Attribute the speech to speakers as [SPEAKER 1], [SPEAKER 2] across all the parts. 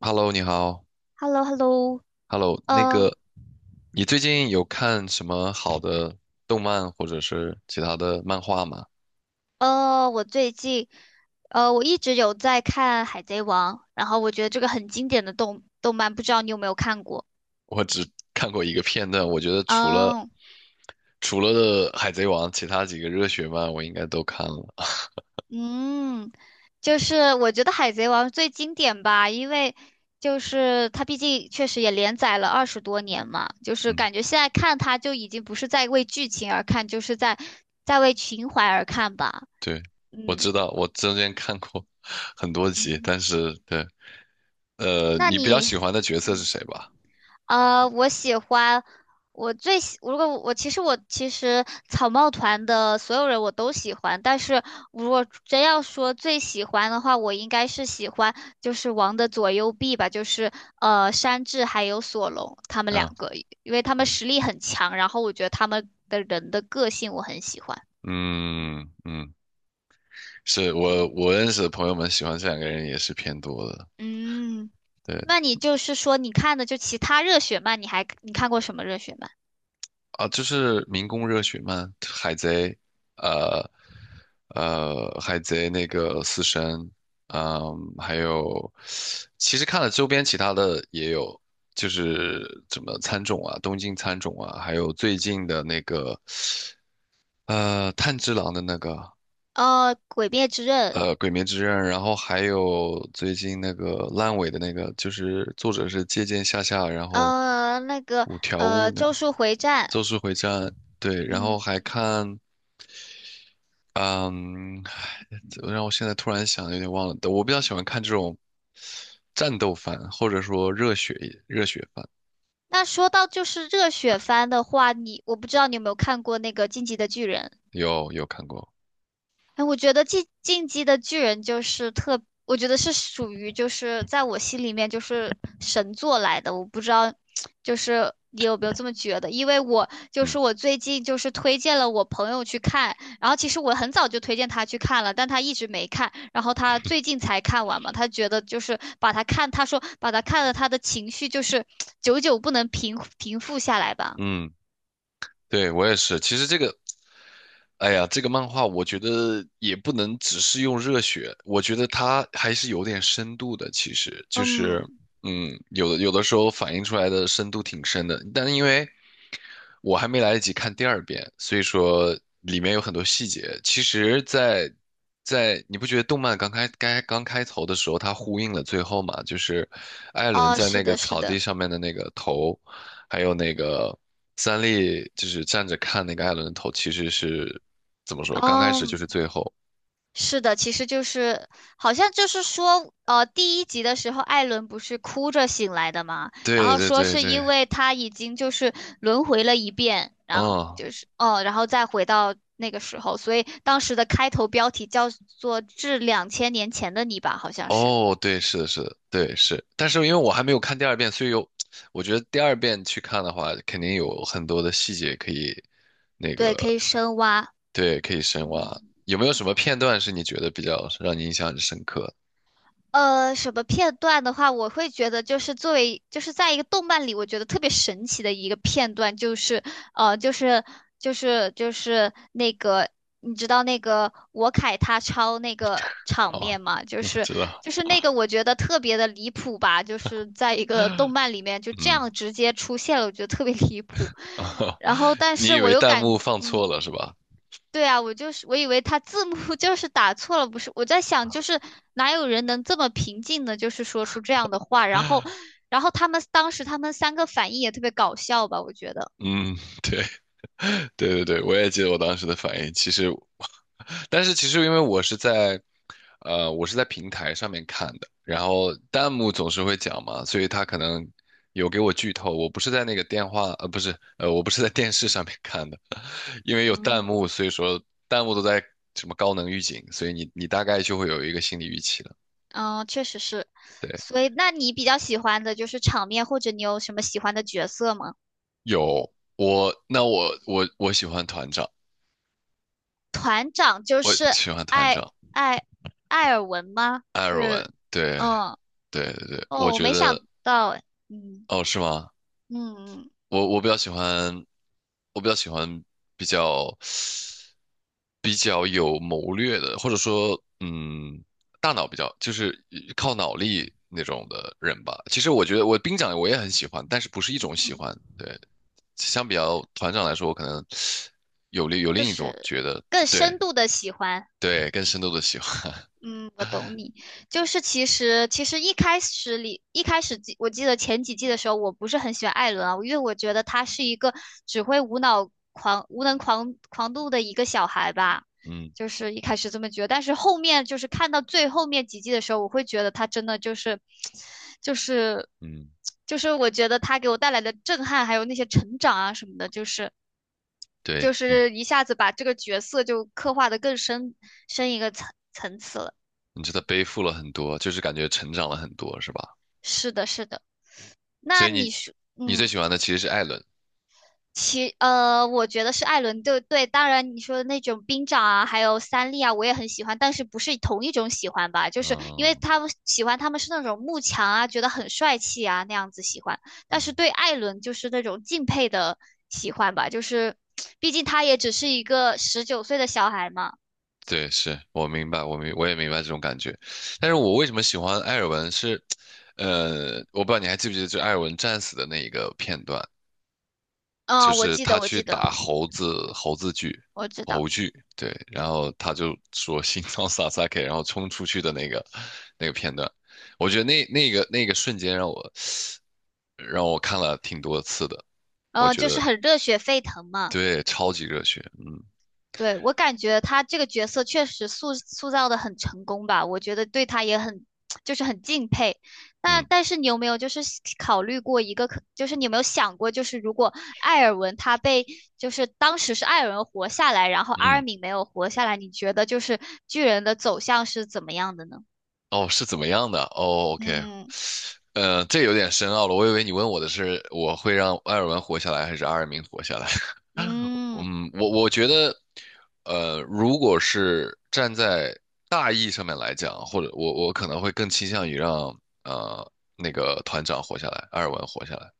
[SPEAKER 1] Hello，你好。
[SPEAKER 2] H e l l o, h e l l o.
[SPEAKER 1] Hello，
[SPEAKER 2] 呃
[SPEAKER 1] 你最近有看什么好的动漫或者是其他的漫画吗？
[SPEAKER 2] 我最近我一直有在看《海贼王》，然后我觉得这个很经典的动漫，不知道你有没有看过？
[SPEAKER 1] 我只看过一个片段，我觉得除了
[SPEAKER 2] 嗯
[SPEAKER 1] 除了《海贼王》，其他几个热血漫我应该都看了。
[SPEAKER 2] 嗯。就是我觉得《海贼王》最经典吧，因为就是它毕竟确实也连载了20多年嘛，就是
[SPEAKER 1] 嗯，
[SPEAKER 2] 感觉现在看它就已经不是在为剧情而看，就是在为情怀而看吧。
[SPEAKER 1] 对，我
[SPEAKER 2] 嗯
[SPEAKER 1] 知道，我中间看过 很多集，
[SPEAKER 2] 嗯。
[SPEAKER 1] 但是对，
[SPEAKER 2] 那
[SPEAKER 1] 你比较
[SPEAKER 2] 你？
[SPEAKER 1] 喜欢的角色是谁吧？
[SPEAKER 2] 我喜欢，我最喜，如果我其实草帽团的所有人我都喜欢，但是如果真要说最喜欢的话，我应该是喜欢就是王的左右臂吧，就是山治还有索隆他们
[SPEAKER 1] 啊，
[SPEAKER 2] 两个，因为他们
[SPEAKER 1] 嗯
[SPEAKER 2] 实力很强，然后我觉得他们的人的个性我很喜欢。
[SPEAKER 1] 嗯嗯，是我
[SPEAKER 2] OK，
[SPEAKER 1] 我认识的朋友们喜欢这两个人也是偏多的。
[SPEAKER 2] 嗯。
[SPEAKER 1] 对。
[SPEAKER 2] 那你就是说你看的就其他热血漫，你看过什么热血漫？
[SPEAKER 1] 啊，就是民工热血漫、海贼，呃，海贼那个死神，嗯，还有，其实看了周边其他的也有，就是什么参种啊，东京参种啊，还有最近的那个，炭治郎的那个，
[SPEAKER 2] 《鬼灭之刃》。
[SPEAKER 1] 鬼灭之刃，然后还有最近那个烂尾的那个，就是作者是借鉴下下，然后
[SPEAKER 2] 呃，那个
[SPEAKER 1] 五条悟那个
[SPEAKER 2] 《咒术回战》。
[SPEAKER 1] 咒术回战。对，然后
[SPEAKER 2] 嗯。
[SPEAKER 1] 还看嗯，让我现在突然想，有点忘了。我比较喜欢看这种战斗番，或者说热血番，
[SPEAKER 2] 那说到就是热血番的话，我不知道你有没有看过那个《进击的巨人》。
[SPEAKER 1] 有看过。
[SPEAKER 2] 哎，我觉得进《进击的巨人》就是特，我觉得是属于就是在我心里面就是神作来的。我不知道，就是你有没有这么觉得？因为
[SPEAKER 1] 嗯
[SPEAKER 2] 我最近就是推荐了我朋友去看，然后其实我很早就推荐他去看了，但他一直没看，然后他最近才看完嘛。他觉得就是把他看，他说把他看了，他的情绪就是久久不能平复下来吧。
[SPEAKER 1] 嗯，对，我也是。其实这个哎呀，这个漫画我觉得也不能只是用热血，我觉得它还是有点深度的。其实就是，
[SPEAKER 2] 嗯。
[SPEAKER 1] 嗯，有的时候反映出来的深度挺深的，但因为我还没来得及看第二遍，所以说里面有很多细节。其实在，在你不觉得动漫刚开头的时候，它呼应了最后嘛？就是艾伦
[SPEAKER 2] 哦，
[SPEAKER 1] 在
[SPEAKER 2] 是
[SPEAKER 1] 那个
[SPEAKER 2] 的，是
[SPEAKER 1] 草地
[SPEAKER 2] 的。
[SPEAKER 1] 上面的那个头，还有那个三笠，就是站着看那个艾伦的头，其实是怎么说？刚开始就
[SPEAKER 2] 嗯。
[SPEAKER 1] 是最后，
[SPEAKER 2] 是的，其实就是好像就是说，呃，第一集的时候，艾伦不是哭着醒来的嘛，然
[SPEAKER 1] 对
[SPEAKER 2] 后
[SPEAKER 1] 对
[SPEAKER 2] 说
[SPEAKER 1] 对
[SPEAKER 2] 是
[SPEAKER 1] 对，
[SPEAKER 2] 因为他已经就是轮回了一遍，然后
[SPEAKER 1] 嗯，
[SPEAKER 2] 就是哦，然后再回到那个时候，所以当时的开头标题叫做《致2000年前的你》吧，好像是。
[SPEAKER 1] 哦，对，是的，是的，对是。但是因为我还没有看第二遍，所以有，我觉得第二遍去看的话，肯定有很多的细节可以，那
[SPEAKER 2] 对，可
[SPEAKER 1] 个，
[SPEAKER 2] 以深挖。
[SPEAKER 1] 对，可以深挖。
[SPEAKER 2] 嗯。
[SPEAKER 1] 有没有什么片段是你觉得比较让你印象很深刻的？
[SPEAKER 2] 什么片段的话，我会觉得就是作为就是在一个动漫里，我觉得特别神奇的一个片段，就是呃，就是就是那个，你知道那个我凯他抄那个场
[SPEAKER 1] 哦，
[SPEAKER 2] 面吗？就
[SPEAKER 1] 我
[SPEAKER 2] 是
[SPEAKER 1] 知道，
[SPEAKER 2] 就是那个，我觉得特别的离谱吧，就是在一个动漫里面就这
[SPEAKER 1] 嗯，
[SPEAKER 2] 样直接出现了，我觉得特别离谱。然后，但
[SPEAKER 1] 你
[SPEAKER 2] 是
[SPEAKER 1] 以
[SPEAKER 2] 我
[SPEAKER 1] 为
[SPEAKER 2] 又
[SPEAKER 1] 弹幕
[SPEAKER 2] 感，
[SPEAKER 1] 放错
[SPEAKER 2] 嗯。
[SPEAKER 1] 了是吧？
[SPEAKER 2] 对啊，我就是我以为他字幕 就是打错了，不是？我在想，就是哪有人能这么平静的，就是说出这样的话？然后，他们当时他们三个反应也特别搞笑吧？我觉得。
[SPEAKER 1] 嗯。对对对，我也记得我当时的反应。其实，但是其实因为我是在，我是在平台上面看的，然后弹幕总是会讲嘛，所以他可能有给我剧透。我不是在那个电话，不是，我不是在电视上面看的，因为有弹
[SPEAKER 2] 嗯，
[SPEAKER 1] 幕，所以说弹幕都在什么高能预警，所以你大概就会有一个心理预期了。
[SPEAKER 2] 嗯，确实是。
[SPEAKER 1] 对，
[SPEAKER 2] 所以，那你比较喜欢的就是场面，或者你有什么喜欢的角色吗？
[SPEAKER 1] 有我，那我喜欢团长，
[SPEAKER 2] 团长就
[SPEAKER 1] 我
[SPEAKER 2] 是
[SPEAKER 1] 喜欢团
[SPEAKER 2] 艾
[SPEAKER 1] 长
[SPEAKER 2] 艾艾尔文吗？
[SPEAKER 1] 艾尔
[SPEAKER 2] 是。
[SPEAKER 1] 文。对
[SPEAKER 2] 嗯。
[SPEAKER 1] 对对对，我
[SPEAKER 2] 哦，我
[SPEAKER 1] 觉
[SPEAKER 2] 没想
[SPEAKER 1] 得。
[SPEAKER 2] 到，哎。嗯
[SPEAKER 1] 哦，是吗？
[SPEAKER 2] 嗯
[SPEAKER 1] 我比较喜欢，我比较喜欢比较比较有谋略的，或者说，嗯，大脑比较就是靠脑力那种的人吧。其实我觉得我兵长我也很喜欢，但是不是一
[SPEAKER 2] 嗯
[SPEAKER 1] 种喜
[SPEAKER 2] 嗯。
[SPEAKER 1] 欢。对，相比较
[SPEAKER 2] 对。
[SPEAKER 1] 团长来说，我可能有另有
[SPEAKER 2] 就
[SPEAKER 1] 另一种
[SPEAKER 2] 是
[SPEAKER 1] 觉得，
[SPEAKER 2] 更
[SPEAKER 1] 对
[SPEAKER 2] 深度的喜欢。
[SPEAKER 1] 对，更深度的喜欢。
[SPEAKER 2] 嗯，我懂你。就是其实其实一开始里一开始我记得前几季的时候，我不是很喜欢艾伦啊，因为我觉得他是一个只会无脑狂无能狂狂怒的一个小孩吧。
[SPEAKER 1] 嗯
[SPEAKER 2] 就是一开始这么觉得，但是后面就是看到最后面几季的时候，我会觉得他真的就是，就是，
[SPEAKER 1] 嗯，
[SPEAKER 2] 就是我觉得他给我带来的震撼，还有那些成长啊什么的，就是
[SPEAKER 1] 对，你
[SPEAKER 2] 一下子把这个角色就刻画的更深一个层次了。
[SPEAKER 1] 你觉得背负了很多，就是感觉成长了很多，是吧？
[SPEAKER 2] 是的，是的。
[SPEAKER 1] 所
[SPEAKER 2] 那
[SPEAKER 1] 以
[SPEAKER 2] 你
[SPEAKER 1] 你
[SPEAKER 2] 说，
[SPEAKER 1] 你最
[SPEAKER 2] 嗯。
[SPEAKER 1] 喜欢的其实是艾伦。
[SPEAKER 2] 我觉得是艾伦。对对，当然你说的那种兵长啊，还有三笠啊，我也很喜欢，但是不是同一种喜欢吧？就是因为
[SPEAKER 1] 嗯
[SPEAKER 2] 他们是那种慕强啊，觉得很帅气啊那样子喜欢，但
[SPEAKER 1] 嗯，
[SPEAKER 2] 是对艾伦就是那种敬佩的喜欢吧，就是毕竟他也只是一个19岁的小孩嘛。
[SPEAKER 1] 对，是我明白，我也明白这种感觉。但是我为什么喜欢艾尔文是，我不知道你还记不记得，就艾尔文战死的那一个片段，就
[SPEAKER 2] 嗯，我
[SPEAKER 1] 是
[SPEAKER 2] 记得，
[SPEAKER 1] 他
[SPEAKER 2] 我
[SPEAKER 1] 去
[SPEAKER 2] 记得。
[SPEAKER 1] 打
[SPEAKER 2] 我知道。
[SPEAKER 1] 猴剧，对，然后他就说心脏萨 K，然后冲出去的那个那个片段，我觉得那个瞬间让我看了挺多次的，我
[SPEAKER 2] 呃，
[SPEAKER 1] 觉
[SPEAKER 2] 就是
[SPEAKER 1] 得
[SPEAKER 2] 很热血沸腾嘛。
[SPEAKER 1] 对，超级热血，嗯
[SPEAKER 2] 对，我感觉他这个角色确实塑造的很成功吧，我觉得对他也很 就是很敬佩。那
[SPEAKER 1] 嗯
[SPEAKER 2] 但是你有没有就是考虑过一个可，就是你有没有想过，就是如果艾尔文他被就是当时是艾尔文活下来，然后阿尔
[SPEAKER 1] 嗯。
[SPEAKER 2] 敏没有活下来，你觉得就是巨人的走向是怎么样的呢？
[SPEAKER 1] 哦，是怎么样的？哦，OK，
[SPEAKER 2] 嗯
[SPEAKER 1] 这有点深奥了。我以为你问我的是我会让艾尔文活下来，还是阿尔明活下来？
[SPEAKER 2] 嗯
[SPEAKER 1] 嗯，我觉得，如果是站在大义上面来讲，或者我可能会更倾向于让那个团长活下来，艾尔文活下来。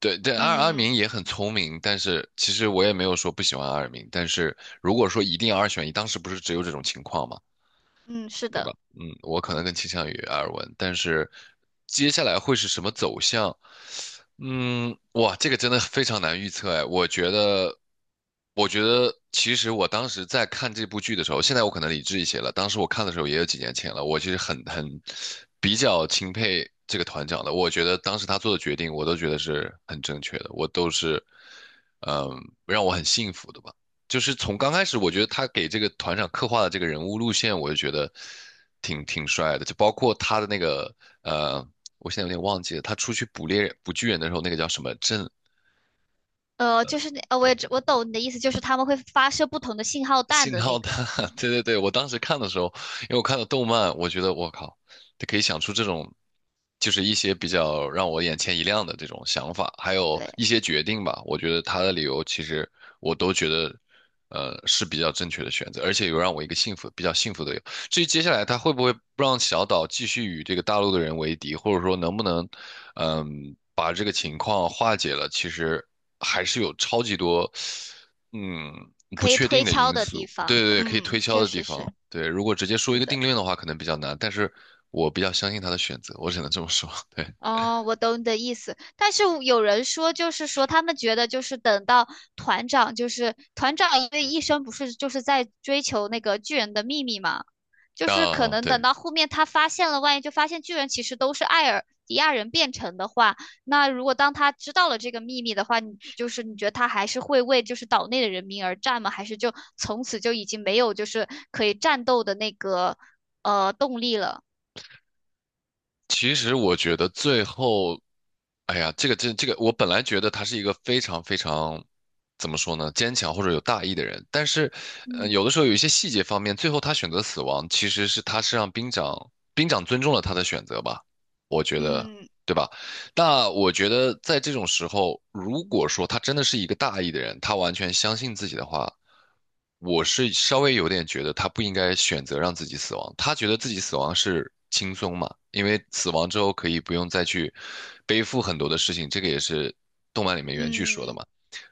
[SPEAKER 1] 对对，阿尔阿
[SPEAKER 2] 嗯
[SPEAKER 1] 明也很聪明，但是其实我也没有说不喜欢阿尔明，但是如果说一定要二选一，当时不是只有这种情况吗？
[SPEAKER 2] 嗯。是
[SPEAKER 1] 对吧？
[SPEAKER 2] 的。
[SPEAKER 1] 嗯，我可能更倾向于埃尔文，但是接下来会是什么走向？嗯，哇，这个真的非常难预测哎。我觉得，我觉得其实我当时在看这部剧的时候，现在我可能理智一些了。当时我看的时候也有几年前了，我其实很比较钦佩这个团长的。我觉得当时他做的决定，我都觉得是很正确的，我都是。嗯，让我很幸福的吧。就是从刚开始，我觉得他给这个团长刻画的这个人物路线，我就觉得挺帅的。就包括他的那个呃，我现在有点忘记了，他出去捕巨人的时候，那个叫什么镇
[SPEAKER 2] 呃，就是那呃，我我懂你的意思，就是他们会发射不同的信号弹
[SPEAKER 1] 信
[SPEAKER 2] 的
[SPEAKER 1] 号
[SPEAKER 2] 那个。
[SPEAKER 1] 弹，
[SPEAKER 2] 嗯。
[SPEAKER 1] 对对对，我当时看的时候，因为我看了动漫，我觉得我靠，他可以想出这种，就是一些比较让我眼前一亮的这种想法，还有
[SPEAKER 2] 对，
[SPEAKER 1] 一些决定吧。我觉得他的理由其实我都觉得，是比较正确的选择，而且有让我一个幸福，比较幸福的理由至于接下来他会不会让小岛继续与这个大陆的人为敌，或者说能不能，嗯，把这个情况化解了，其实还是有超级多。嗯，不
[SPEAKER 2] 可以
[SPEAKER 1] 确定
[SPEAKER 2] 推
[SPEAKER 1] 的
[SPEAKER 2] 敲
[SPEAKER 1] 因
[SPEAKER 2] 的地
[SPEAKER 1] 素，对
[SPEAKER 2] 方。
[SPEAKER 1] 对对，可以推
[SPEAKER 2] 嗯，
[SPEAKER 1] 敲
[SPEAKER 2] 确
[SPEAKER 1] 的地
[SPEAKER 2] 实
[SPEAKER 1] 方，
[SPEAKER 2] 是。
[SPEAKER 1] 对，如果直接说
[SPEAKER 2] 是
[SPEAKER 1] 一个定
[SPEAKER 2] 的。
[SPEAKER 1] 论的话，可能比较难，但是我比较相信他的选择，我只能这么说，对，
[SPEAKER 2] 哦，我懂你的意思，但是我有人说，就是说他们觉得，就是等到团长，因为一生不是就是在追求那个巨人的秘密嘛，就是可
[SPEAKER 1] 啊，
[SPEAKER 2] 能等
[SPEAKER 1] 对，
[SPEAKER 2] 到后面他发现了，万一就发现巨人其实都是艾尔迪亚人变成的话，那如果当他知道了这个秘密的话，你就是你觉得他还是会为就是岛内的人民而战吗？还是就从此就已经没有就是可以战斗的那个动力了？
[SPEAKER 1] 其实我觉得最后，哎呀，这个，我本来觉得他是一个非常非常，怎么说呢，坚强或者有大义的人，但是，有的时候有一些细节方面，最后他选择死亡，其实是他是让兵长尊重了他的选择吧，我觉得，
[SPEAKER 2] 嗯
[SPEAKER 1] 对吧？那我觉得在这种时候，如果说他真的是一个大义的人，他完全相信自己的话，我是稍微有点觉得他不应该选择让自己死亡。他觉得自己死亡是轻松嘛，因为死亡之后可以不用再去背负很多的事情，这个也是动漫里面原剧说的
[SPEAKER 2] 嗯，
[SPEAKER 1] 嘛。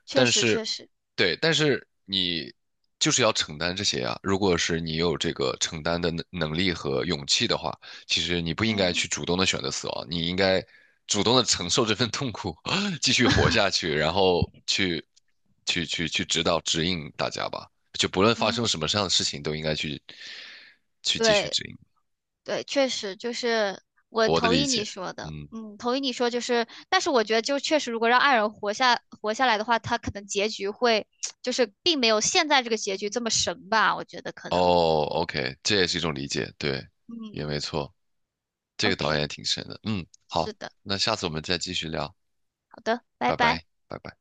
[SPEAKER 2] 确
[SPEAKER 1] 但
[SPEAKER 2] 实
[SPEAKER 1] 是，
[SPEAKER 2] 确实。
[SPEAKER 1] 对，但是你就是要承担这些啊。如果是你有这个承担的能力和勇气的话，其实你不应该
[SPEAKER 2] 嗯
[SPEAKER 1] 去主动的选择死亡，你应该主动的承受这份痛苦，继续活下去，然后去指导指引大家吧。就不论发生
[SPEAKER 2] 嗯。
[SPEAKER 1] 什么样的事情，都应该去继续
[SPEAKER 2] 对
[SPEAKER 1] 指引。
[SPEAKER 2] 对，确实就是我
[SPEAKER 1] 我的
[SPEAKER 2] 同
[SPEAKER 1] 理
[SPEAKER 2] 意你
[SPEAKER 1] 解，
[SPEAKER 2] 说的。
[SPEAKER 1] 嗯，
[SPEAKER 2] 嗯，同意你说就是，但是我觉得就确实，如果让爱人活下来的话，他可能结局会 就是并没有现在这个结局这么神吧，我觉得可能。
[SPEAKER 1] 哦，OK，这也是一种理解，对，也
[SPEAKER 2] 嗯。
[SPEAKER 1] 没错。这个导演也
[SPEAKER 2] OK，
[SPEAKER 1] 挺神的。嗯，
[SPEAKER 2] 是
[SPEAKER 1] 好，
[SPEAKER 2] 的。
[SPEAKER 1] 那下次我们再继续聊，
[SPEAKER 2] 好的，拜
[SPEAKER 1] 拜
[SPEAKER 2] 拜。
[SPEAKER 1] 拜，拜拜。